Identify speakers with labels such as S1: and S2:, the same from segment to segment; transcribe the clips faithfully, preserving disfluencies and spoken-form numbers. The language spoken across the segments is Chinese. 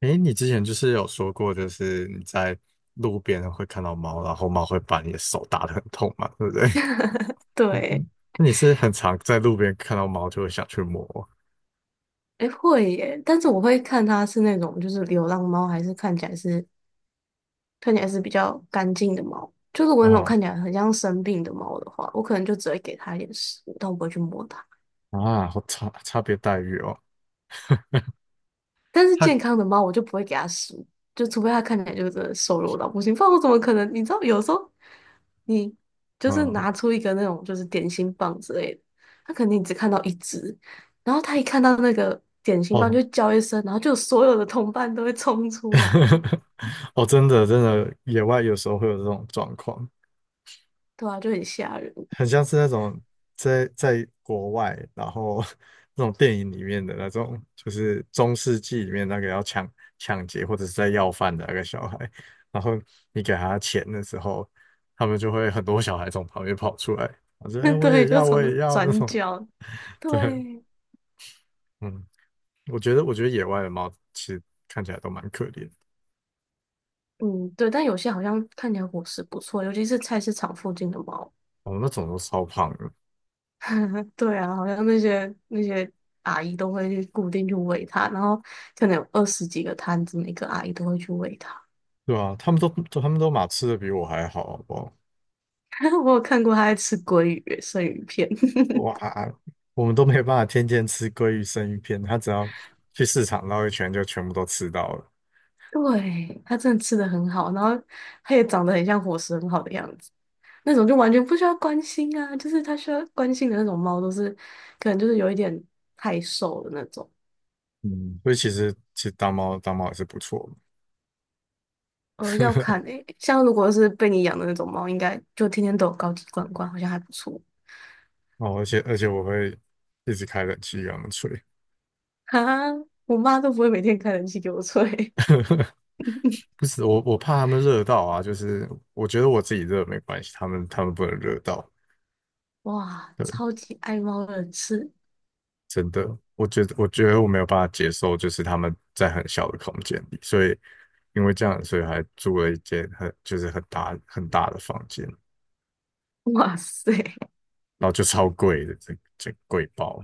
S1: 诶，你之前就是有说过，就是你在路边会看到猫，然后猫会把你的手打得很痛嘛，对不对？嗯
S2: 对，
S1: 那你是很常在路边看到猫就会想去摸
S2: 诶，会耶，但是我会看它是那种就是流浪猫，还是看起来是看起来是比较干净的猫。就如果那种
S1: 啊、
S2: 看起来很像生病的猫的话，我可能就只会给它一点食物，但我不会去摸它。
S1: 啊，好差差别待遇哦。
S2: 但是健
S1: 它
S2: 康的猫，我就不会给它食物，就除非它看起来就是真的瘦弱到不行，不然我怎么可能？你知道，有时候你就是
S1: 嗯
S2: 拿出一个那种就是点心棒之类的，它肯定只看到一只，然后它一看到那个点心棒
S1: 哦
S2: 就叫一声，然后就所有的同伴都会冲出来。
S1: 哦，真的真的，野外有时候会有这种状况。
S2: 对啊，就很吓人。
S1: 很像是那种在在国外，然后 那种电影里面的那种，就是中世纪里面那个要抢抢劫或者是在要饭的那个小孩，然后你给他钱的时候，他们就会很多小孩从旁边跑出来，我说："哎、我也
S2: 对，就
S1: 要，
S2: 从
S1: 我
S2: 那
S1: 也要那
S2: 转
S1: 种。"
S2: 角，
S1: 对，
S2: 对，
S1: 嗯，我觉得我觉得野外的猫其实看起来都蛮可怜的
S2: 嗯，对，但有些好像看起来伙食不错，尤其是菜市场附近的猫。
S1: 哦，那种都超胖的，
S2: 对啊，好像那些那些阿姨都会去固定去喂它，然后可能有二十几个摊子，每个阿姨都会去喂它。
S1: 对啊，他们都他们都马吃的比我还好，好不好？
S2: 我有看过它在吃鲑鱼、生鱼片。
S1: 哇，我们都没有办法天天吃鲑鱼生鱼片，他只要去市场绕一圈就全部都吃到了。
S2: 对，它真的吃的很好，然后它也长得很像伙食很好的样子，那种就完全不需要关心啊，就是它需要关心的那种猫都是，可能就是有一点太瘦的那种。
S1: 嗯，所以其实其实当猫当猫也是不错的。
S2: 呃，要看 诶、像如果是被你养的那种猫，应该就天天都有高级罐罐，好像还不错。
S1: 哦，而且而且我会一直开冷气给他们吹，
S2: 哈，我妈都不会每天开冷气给我吹。
S1: 不是我我怕他们热到啊，就是我觉得我自己热没关系，他们他们不能热到。
S2: 哇，超
S1: 对
S2: 级爱猫的人士，
S1: 真的，我觉得我觉得我没有办法接受，就是他们在很小的空间里，所以因为这样，所以还租了一间很就是很大很大的房间，
S2: 哇塞，
S1: 然后就超贵的，这这贵包，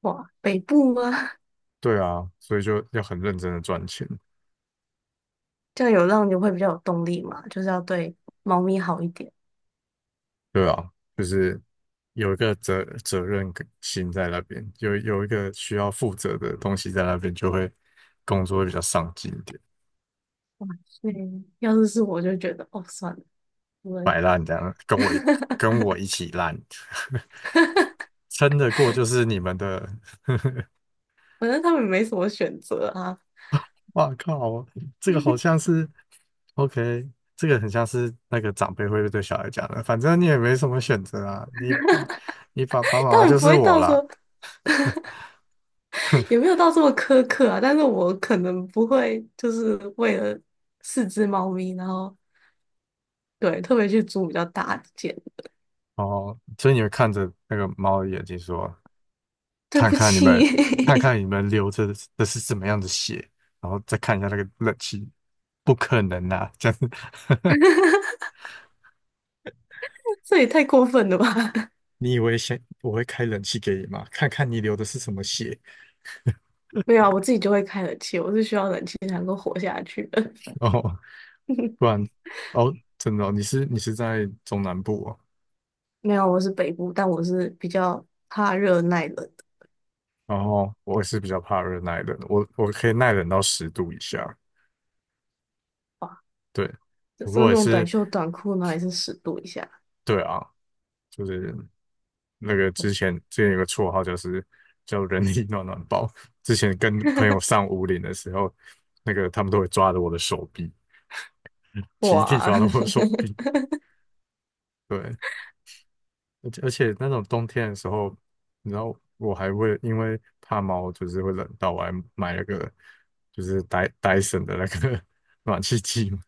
S2: 哇，北部吗？
S1: 对啊，所以就要很认真的赚钱。
S2: 这样有让你会比较有动力嘛，就是要对猫咪好一点。
S1: 对啊，就是有一个责责任感心在那边，有有一个需要负责的东西在那边，就会工作会比较上进一点。
S2: 对，要是是我就觉得，哦，算了，我
S1: 摆
S2: 们
S1: 烂这样，跟我一跟 我一起烂，撑得过就是你们的，
S2: 反正他们没什么选择啊，
S1: 哇靠，这个好像是 OK,这个很像是那个长辈会对小孩讲的，反正你也没什么选择啊，你你爸爸妈
S2: 当
S1: 妈
S2: 然
S1: 就
S2: 不
S1: 是
S2: 会
S1: 我
S2: 到
S1: 啦。
S2: 说也没有到这么苛刻啊，但是我可能不会就是为了四只猫咪，然后对特别去租比较大的间，
S1: 哦，所以你们看着那个猫的眼睛说，
S2: 对
S1: 看
S2: 不
S1: 看你们，
S2: 起，
S1: 看看 你们流着的是怎么样的血，然后再看一下那个冷气，不可能啊，这样子，
S2: 这也太过分了吧？
S1: 你以为先我会开冷气给你吗？看看你流的是什么血
S2: 没有啊，我自己就会开冷气，我是需要冷气才能够活下去的。
S1: 哦，不 然哦，真的哦你是你是在中南部哦，
S2: 没有啊，我是北部，但我是比较怕热耐冷的
S1: 然后我也是比较怕热耐冷，我我可以耐冷到十度以下，
S2: 吧，
S1: 对，
S2: 有
S1: 不
S2: 时候
S1: 过
S2: 那
S1: 也
S2: 种短
S1: 是
S2: 袖短裤呢，也是十度以下。
S1: 对啊，就是那个之前之前有个绰号就是叫人力暖暖包，之前跟朋友上五岭的时候，那个他们都会抓着我的手臂，集体
S2: 哇
S1: 抓着我的手臂，对，而且而且那种冬天的时候，你知道我还会因为怕猫就是会冷到，我还买了个就是戴戴森的那个 暖气机嘛。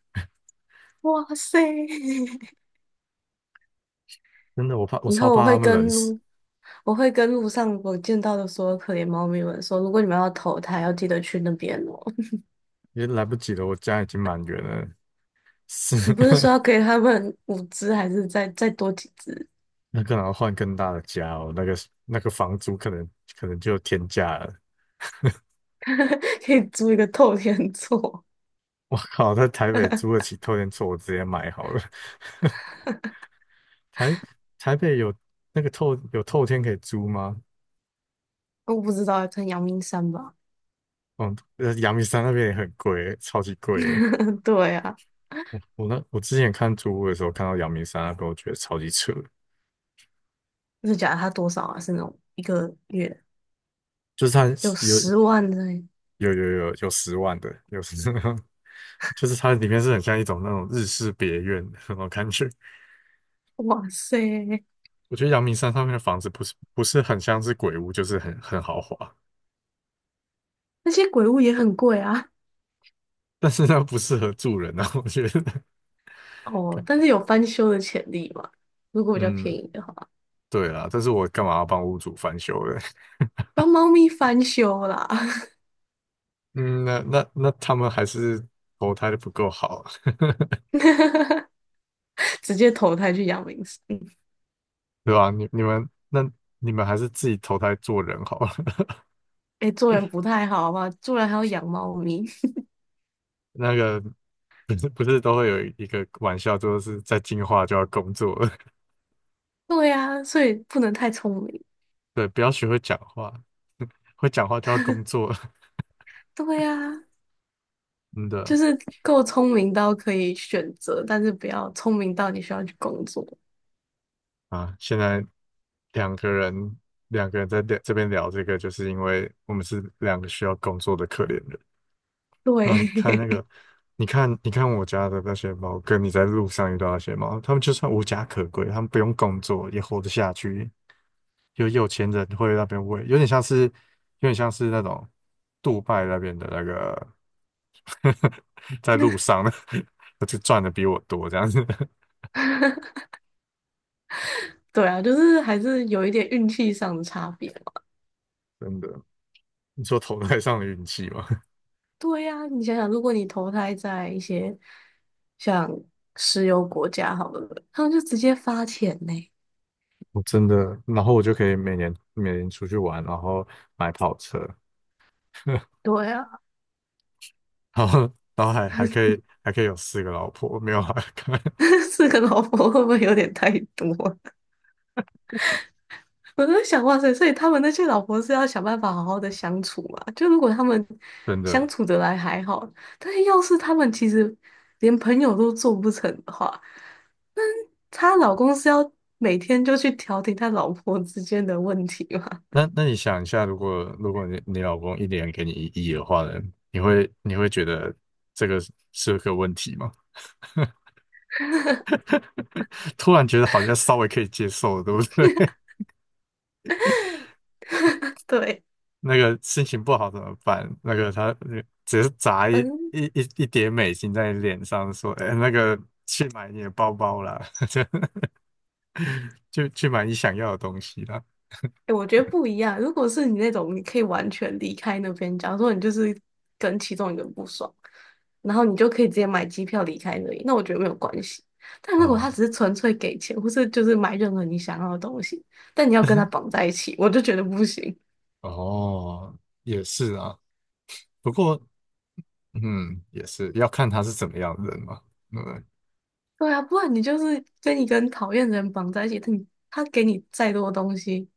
S2: 哇塞！
S1: 真的，我怕我
S2: 以
S1: 超
S2: 后我
S1: 怕它
S2: 会
S1: 们冷
S2: 跟
S1: 死，
S2: 路，我会跟路上我见到的所有可怜猫咪们说，如果你们要投胎，要记得去那边哦。
S1: 也来不及了。我家已经满员了，是
S2: 你不是说要 给他们五只，还是再再多几只，
S1: 那可能要换更大的家哦。那个那个房租可能可能就有天价了。
S2: 可以租一个透天厝？
S1: 我靠，在台北租得起透天厝，我直接买好了。台台北有那个透有透天可以租吗？
S2: 我不知道，可能阳明山吧。
S1: 嗯，呃，阳明山那边也很贵，超级贵的。
S2: 对啊，
S1: 我我那我之前看租屋的时候，看到阳明山那边，我觉得超级扯，
S2: 是假它多少啊？是那种一个月
S1: 就是它
S2: 有
S1: 有
S2: 十万的耶
S1: 有有有有十万的，有十 就是它里面是很像一种那种日式别院的那种感觉。
S2: 哇塞！
S1: 我觉得阳明山上面的房子不是不是很像是鬼屋，就是很很豪华，
S2: 那些鬼屋也很贵啊。
S1: 但是它不适合住人啊，我觉得。
S2: 哦，但是有翻修的潜力嘛？如果比较便
S1: 嗯，
S2: 宜的话，
S1: 对啦，但是我干嘛要帮屋主翻修嘞？
S2: 帮猫咪翻修啦，
S1: 嗯，那那那他们还是投胎的不够好，
S2: 直接投胎去养明嗯，
S1: 对吧？你你们那你们还是自己投胎做人好了。
S2: 哎、做人不太好吧？做人还要养猫咪。
S1: 那个不是不是都会有一个玩笑，就是在进化就要工作了，
S2: 对呀、所以不能太聪明。
S1: 对，不要学会讲话，会讲话就要工作了，
S2: 对呀、
S1: 真
S2: 就
S1: 的
S2: 是够聪明到可以选择，但是不要聪明到你需要去工作。
S1: 啊！现在两个人两个人在聊这边聊这个，就是因为我们是两个需要工作的可怜人。嗯，你
S2: 对，
S1: 看那个，你看你看我家的那些猫，跟你在路上遇到那些猫，它们就算无家可归，它们不用工作也活得下去。有有钱人会那边喂，有点像是有点像是那种杜拜那边的那个 在路上的，就赚的比我多这样子，
S2: 对啊，就是还是有一点运气上的差别。
S1: 真的。你说投胎上的运气吗？
S2: 对呀，你想想，如果你投胎在一些像石油国家好了，他们就直接发钱呢。
S1: 我真的，然后我就可以每年每年出去玩，然后买跑车，
S2: 对啊，
S1: 然后然后还还可以还可以有四个老婆，没有啊，
S2: 四个老婆会不会有点太多啊 我在想，哇塞，所以他们那些老婆是要想办法好好的相处嘛？就如果他们
S1: 真
S2: 相
S1: 的。
S2: 处得来还好，但是要是他们其实连朋友都做不成的话，她老公是要每天就去调停他老婆之间的问题嘛？
S1: 那那你想一下，如果如果你你老公一年给你一亿的话呢，你会你会觉得这个是是个问题吗？突然觉得好像稍微可以接受了，对不对？
S2: 对。
S1: 那个心情不好怎么办？那个他呃只是砸一
S2: 嗯。
S1: 一一一叠美金在你脸上，说："哎，那个去买你的包包啦，就去买你想要的东西啦。"
S2: 哎，我觉得不一样。如果是你那种，你可以完全离开那边，假如说你就是跟其中一个人不爽，然后你就可以直接买机票离开那里，那我觉得没有关系。但如果他
S1: 哦
S2: 只是纯粹给钱，或是就是买任何你想要的东西，但你要跟他 绑在一起，我就觉得不行。
S1: 哦，也是啊。不过嗯，也是要看他是怎么样的人嘛。对不对，
S2: 对啊，不然你就是跟一个很讨厌的人绑在一起，他你他给你再多东西，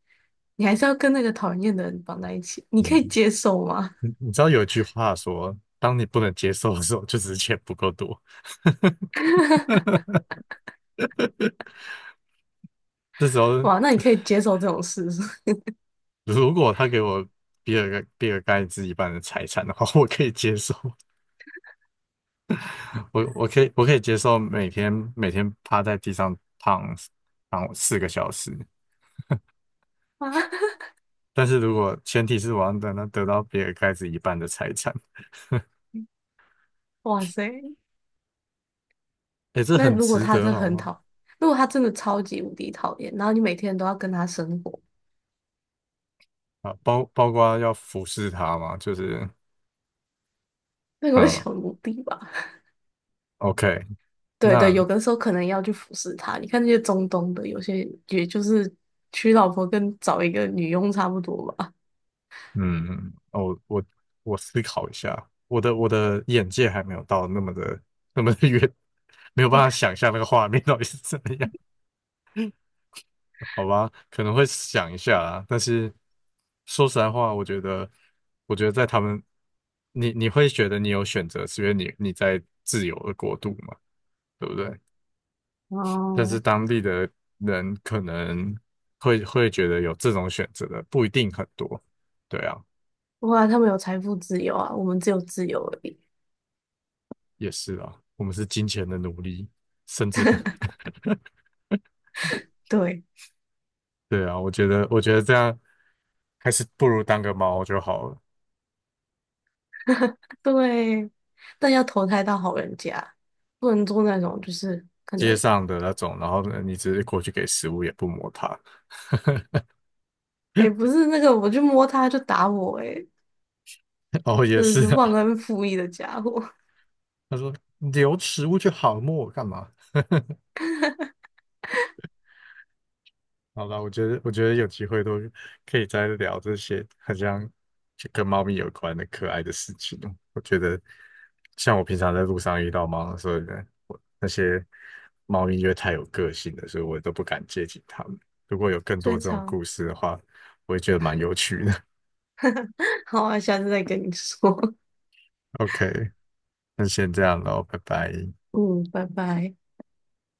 S2: 你还是要跟那个讨人厌的人绑在一起，你可
S1: 嗯，
S2: 以接受吗？
S1: 你你知道有一句话说，当你不能接受的时候，就只是钱不够多。这时 候，
S2: 哇，那你可以接受这种事是
S1: 如果他给我比尔盖比尔盖茨一半的财产的话，我可以接受，我我可以我可以接受每天每天趴在地上躺躺四个小时。
S2: 吗？
S1: 但是如果前提是我要等他得到比尔盖茨一半的财产，
S2: 哇塞！
S1: 诶，这
S2: 那
S1: 很
S2: 如果
S1: 值
S2: 他
S1: 得
S2: 真的
S1: 好
S2: 很
S1: 吗？
S2: 讨，如果他真的超级无敌讨厌，然后你每天都要跟他生活，
S1: 啊，包包括要服侍他嘛，就是。
S2: 那个会
S1: 嗯，
S2: 小奴婢吧？
S1: OK,
S2: 对
S1: 那
S2: 对，有的时候可能要去服侍他。你看那些中东的，有些也就是娶老婆跟找一个女佣差不多吧。
S1: 嗯，哦，我我思考一下，我的我的眼界还没有到那么的那么的远，没有办法想象那个画面到底是怎么样，好吧？可能会想一 下啦，但是说实在话，我觉得，我觉得在他们，你你会觉得你有选择，是因为你你在自由的国度嘛，对不对？但是
S2: 哦，
S1: 当地的人可能会会觉得有这种选择的不一定很多，对啊。
S2: 哇，他们有财富自由啊，我们只有自由而已。
S1: 也是啊，我们是金钱的奴隶，甚至不
S2: 对
S1: 对啊，我觉得，我觉得这样还是不如当个猫就好了。
S2: 对，但要投胎到好人家，不能做那种就是可
S1: 街
S2: 能，
S1: 上的那种，然后呢，你直接过去给食物，也不摸它。
S2: 哎，不是那个我去摸他就打我、欸哎，
S1: 哦，也
S2: 真的
S1: 是
S2: 是
S1: 啊，
S2: 忘恩负义的家伙，
S1: 他说你留食物就好，摸我干嘛？好吧，我觉得我觉得有机会都可以再聊这些好像就跟猫咪有关的可爱的事情哦。我觉得像我平常在路上遇到猫的时候呢，我那些猫咪因为太有个性了，所以我都不敢接近它们。如果有 更多
S2: 最
S1: 这种
S2: 常。
S1: 故事的话，我也觉得蛮有趣的。
S2: 好啊，下次再跟你说。
S1: OK,那先这样喽，拜拜。
S2: 嗯，拜拜。